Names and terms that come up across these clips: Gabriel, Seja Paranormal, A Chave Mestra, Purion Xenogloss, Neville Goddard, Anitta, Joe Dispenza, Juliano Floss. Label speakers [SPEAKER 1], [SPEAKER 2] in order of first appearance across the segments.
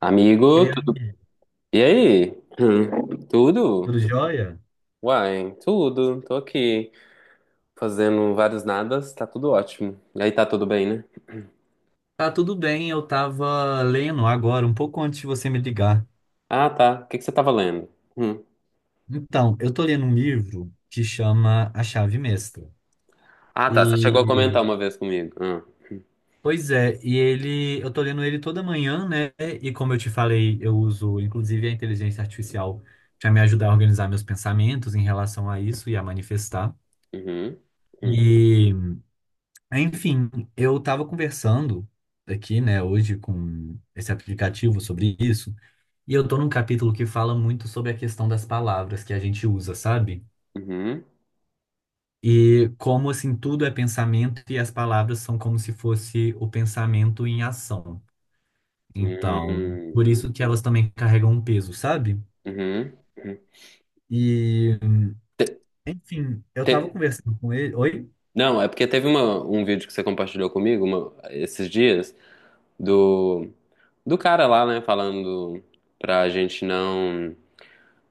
[SPEAKER 1] Amigo,
[SPEAKER 2] Ei,
[SPEAKER 1] e aí? Tudo?
[SPEAKER 2] tudo jóia?
[SPEAKER 1] Uai, tudo. Tô aqui fazendo vários nadas, tá tudo ótimo. E aí, tá tudo bem, né?
[SPEAKER 2] Tá tudo bem, eu tava lendo agora, um pouco antes de você me ligar.
[SPEAKER 1] Ah, tá. O que que você tava lendo? Hum.
[SPEAKER 2] Então, eu tô lendo um livro que chama A Chave Mestra.
[SPEAKER 1] Ah, tá. Você chegou a
[SPEAKER 2] E,
[SPEAKER 1] comentar uma vez comigo. Ah.
[SPEAKER 2] pois é, e ele, eu tô lendo ele toda manhã, né? E como eu te falei, eu uso inclusive a inteligência artificial para me ajudar a organizar meus pensamentos em relação a isso e a manifestar.
[SPEAKER 1] Uhum. Uhum.
[SPEAKER 2] E, enfim, eu estava conversando aqui, né, hoje com esse aplicativo sobre isso. E eu tô num capítulo que fala muito sobre a questão das palavras que a gente usa, sabe?
[SPEAKER 1] Uhum.
[SPEAKER 2] E como assim tudo é pensamento e as palavras são como se fosse o pensamento em ação. Então,
[SPEAKER 1] Uhum.
[SPEAKER 2] por isso que elas também carregam um peso, sabe?
[SPEAKER 1] Uhum. Uhum. Hum.
[SPEAKER 2] E,
[SPEAKER 1] Te-
[SPEAKER 2] enfim, eu tava
[SPEAKER 1] te-
[SPEAKER 2] conversando com ele. Oi?
[SPEAKER 1] Não, é porque teve um vídeo que você compartilhou comigo esses dias do, do cara lá, né, falando pra gente não.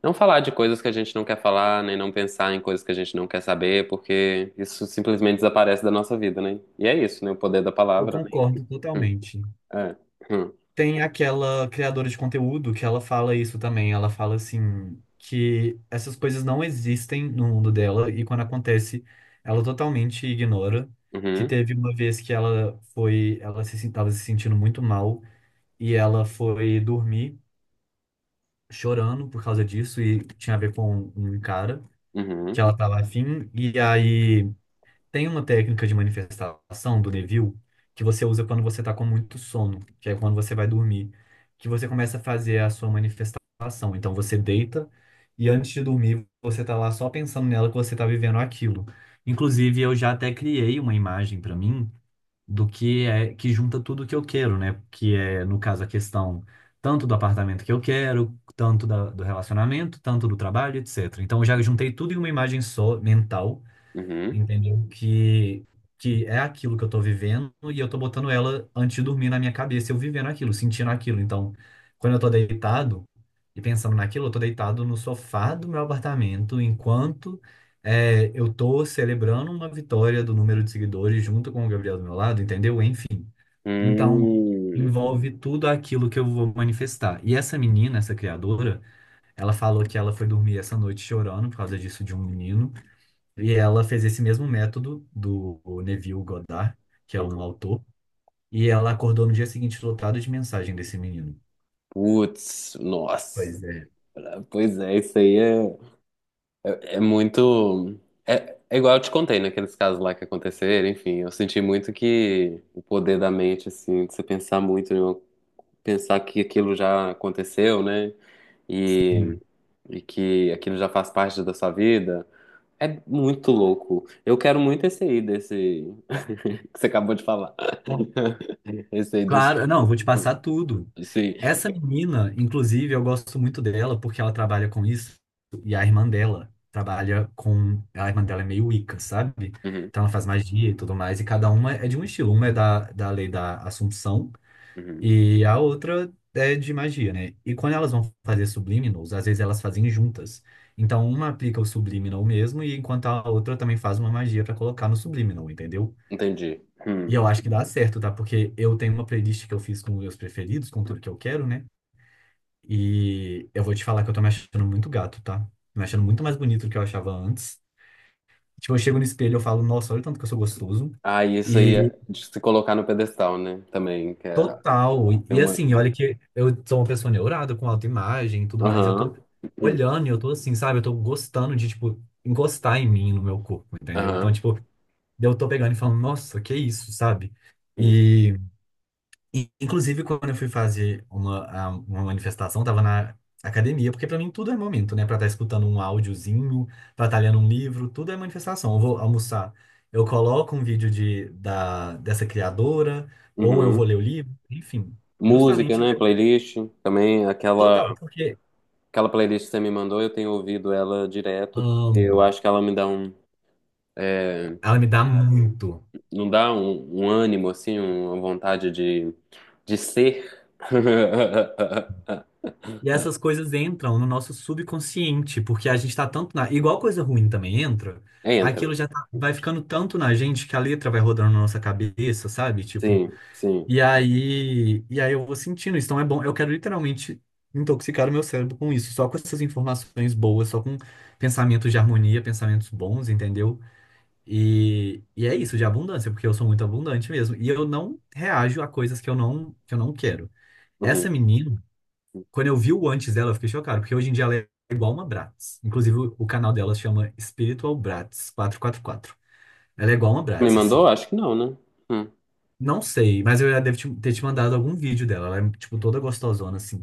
[SPEAKER 1] Não falar de coisas que a gente não quer falar, nem não pensar em coisas que a gente não quer saber, porque isso simplesmente desaparece da nossa vida, né? E é isso, né? O poder da
[SPEAKER 2] Eu
[SPEAKER 1] palavra, né?
[SPEAKER 2] concordo
[SPEAKER 1] Hum.
[SPEAKER 2] totalmente.
[SPEAKER 1] É. Hum.
[SPEAKER 2] Tem aquela criadora de conteúdo que ela fala isso também. Ela fala assim que essas coisas não existem no mundo dela e quando acontece, ela totalmente ignora. Que
[SPEAKER 1] Uhum,
[SPEAKER 2] teve uma vez que ela foi, ela se estava se sentindo muito mal e ela foi dormir chorando por causa disso e tinha a ver com um cara que
[SPEAKER 1] uhum,
[SPEAKER 2] ela estava afim e aí tem uma técnica de manifestação do Neville que você usa quando você está com muito sono, que é quando você vai dormir, que você começa a fazer a sua manifestação. Então você deita e antes de dormir você está lá só pensando nela que você está vivendo aquilo. Inclusive eu já até criei uma imagem para mim do que é que junta tudo que eu quero, né? Que é no caso a questão tanto do apartamento que eu quero, tanto do relacionamento, tanto do trabalho, etc. Então eu já juntei tudo em uma imagem só mental,
[SPEAKER 1] uhum,
[SPEAKER 2] entendeu? Que é aquilo que eu tô vivendo e eu tô botando ela antes de dormir na minha cabeça, eu vivendo aquilo, sentindo aquilo. Então, quando eu tô deitado e pensando naquilo, eu tô deitado no sofá do meu apartamento enquanto é, eu tô celebrando uma vitória do número de seguidores junto com o Gabriel do meu lado, entendeu? Enfim. Então,
[SPEAKER 1] hum,
[SPEAKER 2] envolve tudo aquilo que eu vou manifestar. E essa menina, essa criadora, ela falou que ela foi dormir essa noite chorando por causa disso de um menino. E ela fez esse mesmo método do Neville Goddard, que é um
[SPEAKER 1] uhum.
[SPEAKER 2] autor, e ela acordou no dia seguinte lotada de mensagem desse menino.
[SPEAKER 1] Putz, nossa.
[SPEAKER 2] Pois é.
[SPEAKER 1] Pois é, isso é muito. É, é igual eu te contei naqueles casos lá que aconteceram, enfim. Eu senti muito que o poder da mente, assim, de você pensar muito, né? Pensar que aquilo já aconteceu, né? e
[SPEAKER 2] Sim.
[SPEAKER 1] e que aquilo já faz parte da sua vida, é muito louco. Eu quero muito esse aí, desse que você acabou de falar. Esse aí dos.
[SPEAKER 2] Claro, não, eu vou te passar tudo.
[SPEAKER 1] Sim.
[SPEAKER 2] Essa menina, inclusive, eu gosto muito dela porque ela trabalha com isso e a irmã dela trabalha com. A irmã dela é meio Wicca, sabe?
[SPEAKER 1] Uhum,
[SPEAKER 2] Então ela faz magia e tudo mais, e cada uma é de um estilo. Uma é da lei da Assunção.
[SPEAKER 1] uhum.
[SPEAKER 2] E a outra é de magia, né? E quando elas vão fazer subliminals, às vezes elas fazem juntas. Então uma aplica o subliminal mesmo, e enquanto a outra também faz uma magia pra colocar no subliminal, entendeu?
[SPEAKER 1] Entendi.
[SPEAKER 2] E
[SPEAKER 1] Hum.
[SPEAKER 2] eu acho que dá certo, tá? Porque eu tenho uma playlist que eu fiz com meus preferidos, com tudo que eu quero, né? E eu vou te falar que eu tô me achando muito gato, tá? Me achando muito mais bonito do que eu achava antes. Tipo, eu chego no espelho e eu falo, nossa, olha o tanto que eu sou gostoso.
[SPEAKER 1] Ah, e isso aí
[SPEAKER 2] E
[SPEAKER 1] é de se colocar no pedestal, né? Também, que é
[SPEAKER 2] total.
[SPEAKER 1] tem uma.
[SPEAKER 2] Assim, olha que eu sou uma pessoa neurada com autoimagem e tudo mais. Eu
[SPEAKER 1] Aham.
[SPEAKER 2] tô
[SPEAKER 1] Uhum.
[SPEAKER 2] olhando e eu tô assim, sabe? Eu tô gostando de, tipo, encostar em mim, no meu corpo, entendeu? Então,
[SPEAKER 1] Aham.
[SPEAKER 2] tipo, eu tô pegando e falando, nossa, que isso, sabe?
[SPEAKER 1] Uhum.
[SPEAKER 2] E, inclusive, quando eu fui fazer uma, uma manifestação, tava na academia, porque para mim tudo é momento, né? Para estar escutando um áudiozinho, para estar lendo um livro, tudo é manifestação. Eu vou almoçar, eu coloco um vídeo dessa criadora, ou eu vou
[SPEAKER 1] Uhum.
[SPEAKER 2] ler o livro, enfim,
[SPEAKER 1] Música,
[SPEAKER 2] justamente
[SPEAKER 1] né?
[SPEAKER 2] pra,
[SPEAKER 1] Playlist. Também aquela,
[SPEAKER 2] total, porque
[SPEAKER 1] aquela playlist que você me mandou, eu tenho ouvido ela direto, porque eu
[SPEAKER 2] amo.
[SPEAKER 1] acho que ela me dá um. É,
[SPEAKER 2] Ela me dá muito.
[SPEAKER 1] não dá um, um ânimo, assim, uma vontade de ser.
[SPEAKER 2] E essas coisas entram no nosso subconsciente, porque a gente tá tanto na. Igual coisa ruim também entra, aquilo
[SPEAKER 1] Entra.
[SPEAKER 2] já vai ficando tanto na gente que a letra vai rodando na nossa cabeça, sabe? Tipo,
[SPEAKER 1] Sim, sim.
[SPEAKER 2] e aí eu vou sentindo isso. Então é bom, eu quero literalmente intoxicar o meu cérebro com isso, só com essas informações boas, só com pensamentos de harmonia, pensamentos bons, entendeu? E é isso, de abundância, porque eu sou muito abundante mesmo. E eu não reajo a coisas que eu não quero. Essa
[SPEAKER 1] Uhum.
[SPEAKER 2] menina. Quando eu vi o antes dela, eu fiquei chocado, porque hoje em dia ela é igual uma Bratz. Inclusive, o canal dela chama Spiritual Bratz 444. Ela é igual uma
[SPEAKER 1] Me
[SPEAKER 2] Bratz, assim.
[SPEAKER 1] mandou? Acho que não, né? Hum.
[SPEAKER 2] Não sei, mas eu já devo ter te mandado algum vídeo dela. Ela é, tipo, toda gostosona, assim.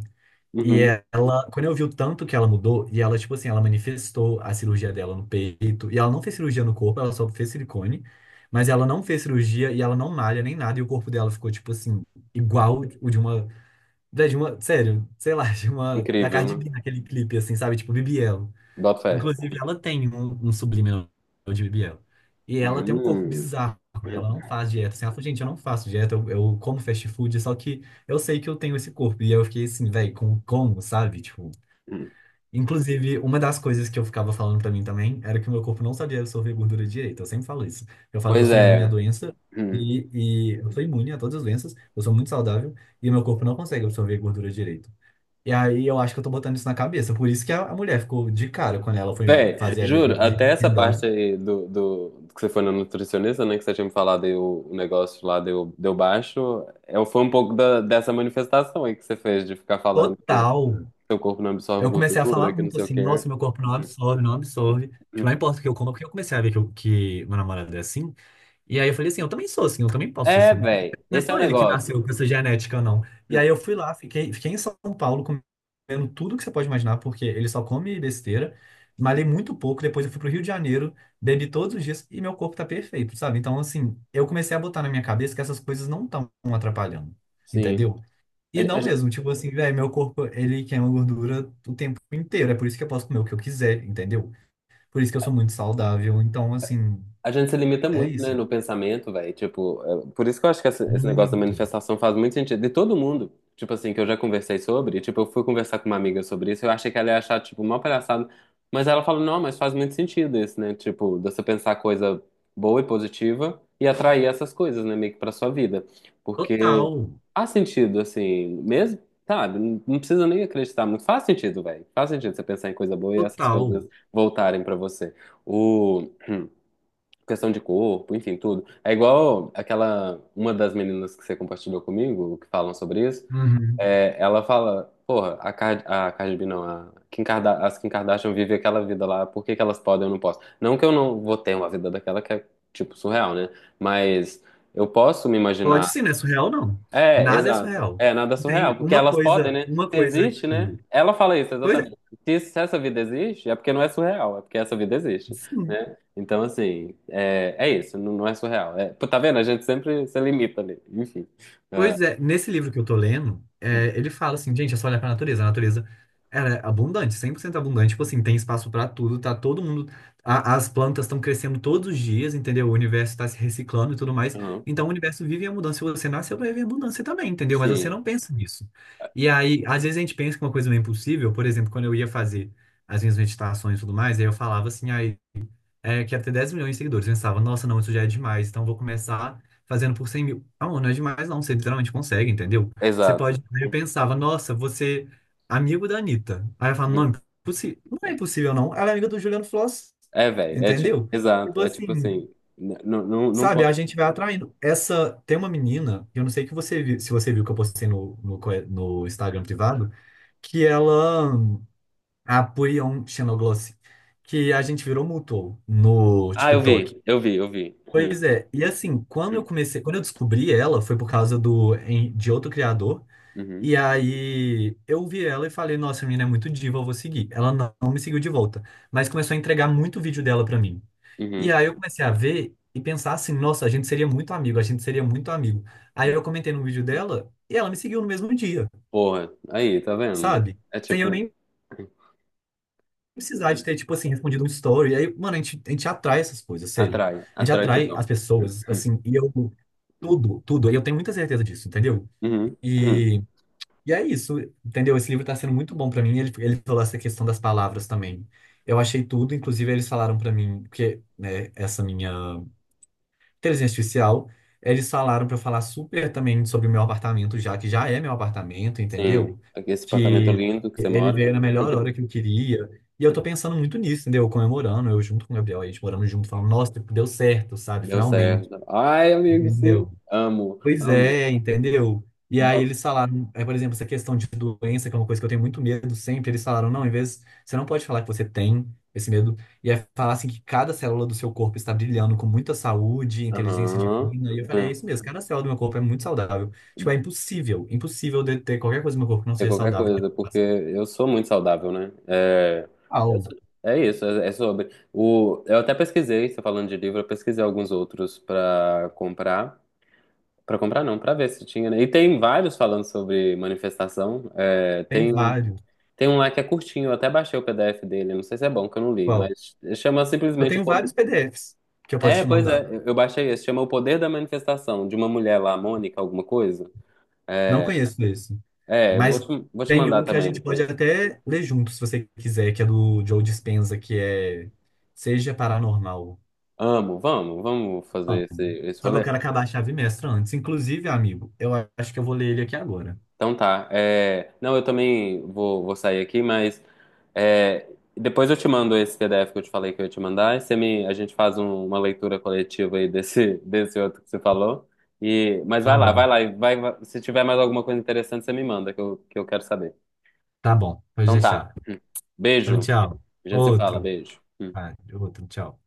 [SPEAKER 2] E
[SPEAKER 1] Uhum.
[SPEAKER 2] ela, quando eu vi o tanto que ela mudou, e ela, tipo assim, ela manifestou a cirurgia dela no peito, e ela não fez cirurgia no corpo, ela só fez silicone, mas ela não fez cirurgia e ela não malha nem nada, e o corpo dela ficou, tipo assim, igual o de uma da de uma sério, sei lá, de uma da
[SPEAKER 1] Incrível,
[SPEAKER 2] Cardi
[SPEAKER 1] né?
[SPEAKER 2] B naquele clipe, assim, sabe? Tipo, Bibi Elo.
[SPEAKER 1] Bota fé.
[SPEAKER 2] Inclusive, ela tem um subliminal de Bibi Elo. E ela tem um corpo
[SPEAKER 1] Hum.
[SPEAKER 2] bizarro, e ela não faz dieta. Assim, ela falou, gente, eu não faço dieta, eu como fast food, só que eu sei que eu tenho esse corpo. E eu fiquei assim, velho, com como, sabe? Tipo,
[SPEAKER 1] Hum.
[SPEAKER 2] inclusive, uma das coisas que eu ficava falando pra mim também era que o meu corpo não sabia absorver gordura direito. Eu sempre falo isso. Eu falo que eu
[SPEAKER 1] Pois
[SPEAKER 2] sou imune à
[SPEAKER 1] é.
[SPEAKER 2] doença.
[SPEAKER 1] Hum.
[SPEAKER 2] E eu sou imune a todas as doenças, eu sou muito saudável e o meu corpo não consegue absorver gordura direito. E aí eu acho que eu tô botando isso na cabeça. Por isso que a mulher ficou de cara quando ela foi
[SPEAKER 1] Véi,
[SPEAKER 2] fazer a minha
[SPEAKER 1] juro,
[SPEAKER 2] bi-
[SPEAKER 1] até essa parte aí do, que você foi na nutricionista, né? Que você tinha me falado aí o negócio lá deu, deu baixo. Eu, foi um pouco dessa manifestação aí que você fez de ficar falando. Que
[SPEAKER 2] Total.
[SPEAKER 1] seu corpo não absorve
[SPEAKER 2] Eu comecei a falar
[SPEAKER 1] gordura, que não
[SPEAKER 2] muito
[SPEAKER 1] sei o
[SPEAKER 2] assim,
[SPEAKER 1] quê.
[SPEAKER 2] nossa, meu corpo não absorve, não absorve. Tipo, não importa o que eu como, porque eu comecei a ver que, que meu namorado é assim. E aí eu falei assim, eu também sou assim, eu também posso ser
[SPEAKER 1] É,
[SPEAKER 2] assim.
[SPEAKER 1] velho.
[SPEAKER 2] Não é
[SPEAKER 1] Esse é o
[SPEAKER 2] só ele que
[SPEAKER 1] negócio.
[SPEAKER 2] nasceu com essa genética, não. E aí eu fui lá, fiquei em São Paulo comendo tudo que você pode imaginar, porque ele só come besteira. Malhei muito pouco, depois eu fui pro Rio de Janeiro, bebi todos os dias e meu corpo tá perfeito, sabe? Então, assim, eu comecei a botar na minha cabeça que essas coisas não estão atrapalhando,
[SPEAKER 1] Sim.
[SPEAKER 2] entendeu?
[SPEAKER 1] A,
[SPEAKER 2] E não
[SPEAKER 1] a-
[SPEAKER 2] mesmo, tipo assim, velho, meu corpo, ele queima gordura o tempo inteiro, é por isso que eu posso comer o que eu quiser, entendeu? Por isso que eu sou muito saudável, então, assim,
[SPEAKER 1] A gente se limita
[SPEAKER 2] é
[SPEAKER 1] muito, né,
[SPEAKER 2] isso.
[SPEAKER 1] no pensamento, velho. Tipo, por isso que eu acho que esse negócio da
[SPEAKER 2] Muito.
[SPEAKER 1] manifestação faz muito sentido. De todo mundo, tipo assim, que eu já conversei sobre, tipo, eu fui conversar com uma amiga sobre isso, eu achei que ela ia achar, tipo, mó palhaçada. Mas ela falou, não, mas faz muito sentido isso, né? Tipo, de você pensar coisa boa e positiva e atrair essas coisas, né, meio que pra sua vida. Porque
[SPEAKER 2] Total,
[SPEAKER 1] faz sentido, assim, mesmo, sabe? Não precisa nem acreditar muito. Faz sentido, velho. Faz sentido você pensar em coisa boa e essas coisas
[SPEAKER 2] total.
[SPEAKER 1] voltarem pra você. O questão de corpo, enfim, tudo. É igual aquela, uma das meninas que você compartilhou comigo, que falam sobre isso,
[SPEAKER 2] Uhum.
[SPEAKER 1] é, ela fala, porra, a Cardi B não, a Kim Kardashian vivem aquela vida lá, por que que elas podem e eu não posso? Não que eu não vou ter uma vida daquela que é, tipo, surreal, né? Mas eu posso me
[SPEAKER 2] Pode
[SPEAKER 1] imaginar
[SPEAKER 2] sim, não é surreal, não.
[SPEAKER 1] é,
[SPEAKER 2] Nada é
[SPEAKER 1] exato.
[SPEAKER 2] surreal.
[SPEAKER 1] É nada
[SPEAKER 2] Tem
[SPEAKER 1] surreal, porque elas podem, né?
[SPEAKER 2] uma
[SPEAKER 1] Se
[SPEAKER 2] coisa
[SPEAKER 1] existe, né?
[SPEAKER 2] que.
[SPEAKER 1] Ela fala isso
[SPEAKER 2] Pois é,
[SPEAKER 1] exatamente. Se essa vida existe, é porque não é surreal, é porque essa vida existe,
[SPEAKER 2] sim.
[SPEAKER 1] né? Então, assim, é, é isso, não, não é surreal. É, pô, tá vendo? A gente sempre se limita ali, enfim.
[SPEAKER 2] Pois é, nesse livro que eu tô lendo, é, ele fala assim, gente, é só olhar pra natureza. A natureza, ela é abundante, 100% abundante. Tipo assim, tem espaço pra tudo, tá todo mundo... as plantas estão crescendo todos os dias, entendeu? O universo tá se reciclando e tudo mais.
[SPEAKER 1] Uhum.
[SPEAKER 2] Então, o universo vive a mudança. Se você nasceu pra viver a mudança também, entendeu? Mas você
[SPEAKER 1] Sim,
[SPEAKER 2] não pensa nisso. E aí, às vezes a gente pensa que uma coisa não é impossível. Por exemplo, quando eu ia fazer as minhas meditações e tudo mais, aí eu falava assim, ah, é, quero ter 10 milhões de seguidores. Eu pensava, nossa, não, isso já é demais, então eu vou começar fazendo por 100 mil. Não, não é demais, não, você literalmente consegue, entendeu? Você
[SPEAKER 1] exato.
[SPEAKER 2] pode. Aí eu pensava, nossa, você amigo da Anitta. Aí eu falava, não,
[SPEAKER 1] Uhum.
[SPEAKER 2] não é impossível, não. Ela é amiga do Juliano Floss,
[SPEAKER 1] É, velho, é,
[SPEAKER 2] entendeu?
[SPEAKER 1] exato,
[SPEAKER 2] Tipo
[SPEAKER 1] é tipo
[SPEAKER 2] assim,
[SPEAKER 1] assim, não não
[SPEAKER 2] sabe, a
[SPEAKER 1] pode.
[SPEAKER 2] gente vai atraindo. Essa, tem uma menina, eu não sei que você viu, se você viu que eu postei no Instagram privado, que ela, a Purion Xenogloss, que a gente virou mutual no
[SPEAKER 1] Ah, eu
[SPEAKER 2] TikTok.
[SPEAKER 1] vi, eu vi, eu vi. Uhum.
[SPEAKER 2] Pois é, e assim, quando eu comecei, quando eu descobri ela, foi por causa de outro criador.
[SPEAKER 1] Uhum.
[SPEAKER 2] E aí eu vi ela e falei, nossa, a menina é muito diva, eu vou seguir. Ela não me seguiu de volta, mas começou a entregar muito vídeo dela pra mim. E
[SPEAKER 1] Uhum.
[SPEAKER 2] aí eu comecei a ver e pensar assim, nossa, a gente seria muito amigo, a gente seria muito amigo. Aí
[SPEAKER 1] Uhum.
[SPEAKER 2] eu comentei no vídeo dela e ela me seguiu no mesmo dia,
[SPEAKER 1] Porra, aí, tá vendo?
[SPEAKER 2] sabe?
[SPEAKER 1] É
[SPEAKER 2] Sem eu
[SPEAKER 1] tipo,
[SPEAKER 2] nem precisar de ter, tipo assim, respondido um story. Aí, mano, a gente atrai essas coisas, sério.
[SPEAKER 1] atrai,
[SPEAKER 2] A gente
[SPEAKER 1] atrai
[SPEAKER 2] atrai as
[SPEAKER 1] total.
[SPEAKER 2] pessoas,
[SPEAKER 1] Uhum.
[SPEAKER 2] assim, e eu, tudo, tudo. E eu tenho muita certeza disso, entendeu?
[SPEAKER 1] Uhum. Uhum.
[SPEAKER 2] E, e é isso, entendeu? Esse livro tá sendo muito bom pra mim. Ele falou essa questão das palavras também. Eu achei tudo, inclusive eles falaram pra mim, porque, né, essa minha inteligência artificial, eles falaram para eu falar super também sobre o meu apartamento, já que já é meu apartamento,
[SPEAKER 1] Sim,
[SPEAKER 2] entendeu?
[SPEAKER 1] aqui esse apartamento
[SPEAKER 2] Que
[SPEAKER 1] lindo que você
[SPEAKER 2] ele
[SPEAKER 1] mora.
[SPEAKER 2] veio na melhor hora que eu queria. E eu tô pensando muito nisso, entendeu? Comemorando, eu junto com o Gabriel, a gente morando junto, falando, nossa, tipo, deu certo, sabe?
[SPEAKER 1] Deu
[SPEAKER 2] Finalmente,
[SPEAKER 1] certo. Ai, amigo, sim.
[SPEAKER 2] entendeu?
[SPEAKER 1] Amo,
[SPEAKER 2] Pois
[SPEAKER 1] amo.
[SPEAKER 2] é, entendeu? E aí
[SPEAKER 1] Va-
[SPEAKER 2] eles falaram, é, por exemplo, essa questão de doença, que é uma coisa que eu tenho muito medo sempre, eles falaram, não, em vez, você não pode falar que você tem esse medo, e é falar assim que cada célula do seu corpo está brilhando com muita saúde, inteligência
[SPEAKER 1] Aham.
[SPEAKER 2] divina, e eu falei, é
[SPEAKER 1] Hum.
[SPEAKER 2] isso mesmo, cada célula do meu corpo é muito saudável. Tipo, é impossível, impossível de ter qualquer coisa no meu corpo que não
[SPEAKER 1] É
[SPEAKER 2] seja
[SPEAKER 1] qualquer
[SPEAKER 2] saudável.
[SPEAKER 1] coisa, porque eu sou muito saudável, né? É,
[SPEAKER 2] Uau,
[SPEAKER 1] é isso, é, é sobre. O, eu até pesquisei, você falando de livro, eu pesquisei alguns outros pra comprar. Pra comprar não, pra ver se tinha, né? E tem vários falando sobre manifestação. É,
[SPEAKER 2] tem
[SPEAKER 1] tem
[SPEAKER 2] vários.
[SPEAKER 1] tem um lá que é curtinho, eu até baixei o PDF dele, não sei se é bom, que eu não li,
[SPEAKER 2] Qual?
[SPEAKER 1] mas chama
[SPEAKER 2] Eu
[SPEAKER 1] simplesmente o
[SPEAKER 2] tenho
[SPEAKER 1] poder.
[SPEAKER 2] vários PDFs que eu posso
[SPEAKER 1] É,
[SPEAKER 2] te
[SPEAKER 1] pois é,
[SPEAKER 2] mandar.
[SPEAKER 1] eu baixei esse, chama O Poder da Manifestação, de uma mulher lá, Mônica, alguma coisa.
[SPEAKER 2] Não conheço esse.
[SPEAKER 1] É,
[SPEAKER 2] Mas
[SPEAKER 1] vou te
[SPEAKER 2] tem um
[SPEAKER 1] mandar
[SPEAKER 2] que a
[SPEAKER 1] também
[SPEAKER 2] gente pode
[SPEAKER 1] depois.
[SPEAKER 2] até ler junto, se você quiser, que é do Joe Dispenza, que é Seja Paranormal.
[SPEAKER 1] Amo, vamos, vamos fazer
[SPEAKER 2] Amo.
[SPEAKER 1] esse
[SPEAKER 2] Só que eu
[SPEAKER 1] rolê.
[SPEAKER 2] quero acabar a chave mestra antes. Inclusive, amigo, eu acho que eu vou ler ele aqui agora.
[SPEAKER 1] Então tá. É, não, eu também vou, vou sair aqui, mas é, depois eu te mando esse PDF que eu te falei que eu ia te mandar. E você me... A gente faz uma leitura coletiva aí desse, desse outro que você falou. E... Mas vai
[SPEAKER 2] Tá
[SPEAKER 1] lá, vai
[SPEAKER 2] bom,
[SPEAKER 1] lá. Se tiver mais alguma coisa interessante, você me manda, que eu quero saber.
[SPEAKER 2] tá bom, pode
[SPEAKER 1] Então
[SPEAKER 2] deixar.
[SPEAKER 1] tá. Hum.
[SPEAKER 2] Então,
[SPEAKER 1] Beijo.
[SPEAKER 2] tchau.
[SPEAKER 1] A gente se fala,
[SPEAKER 2] Outro.
[SPEAKER 1] beijo. Hum.
[SPEAKER 2] Ah, outro, tchau.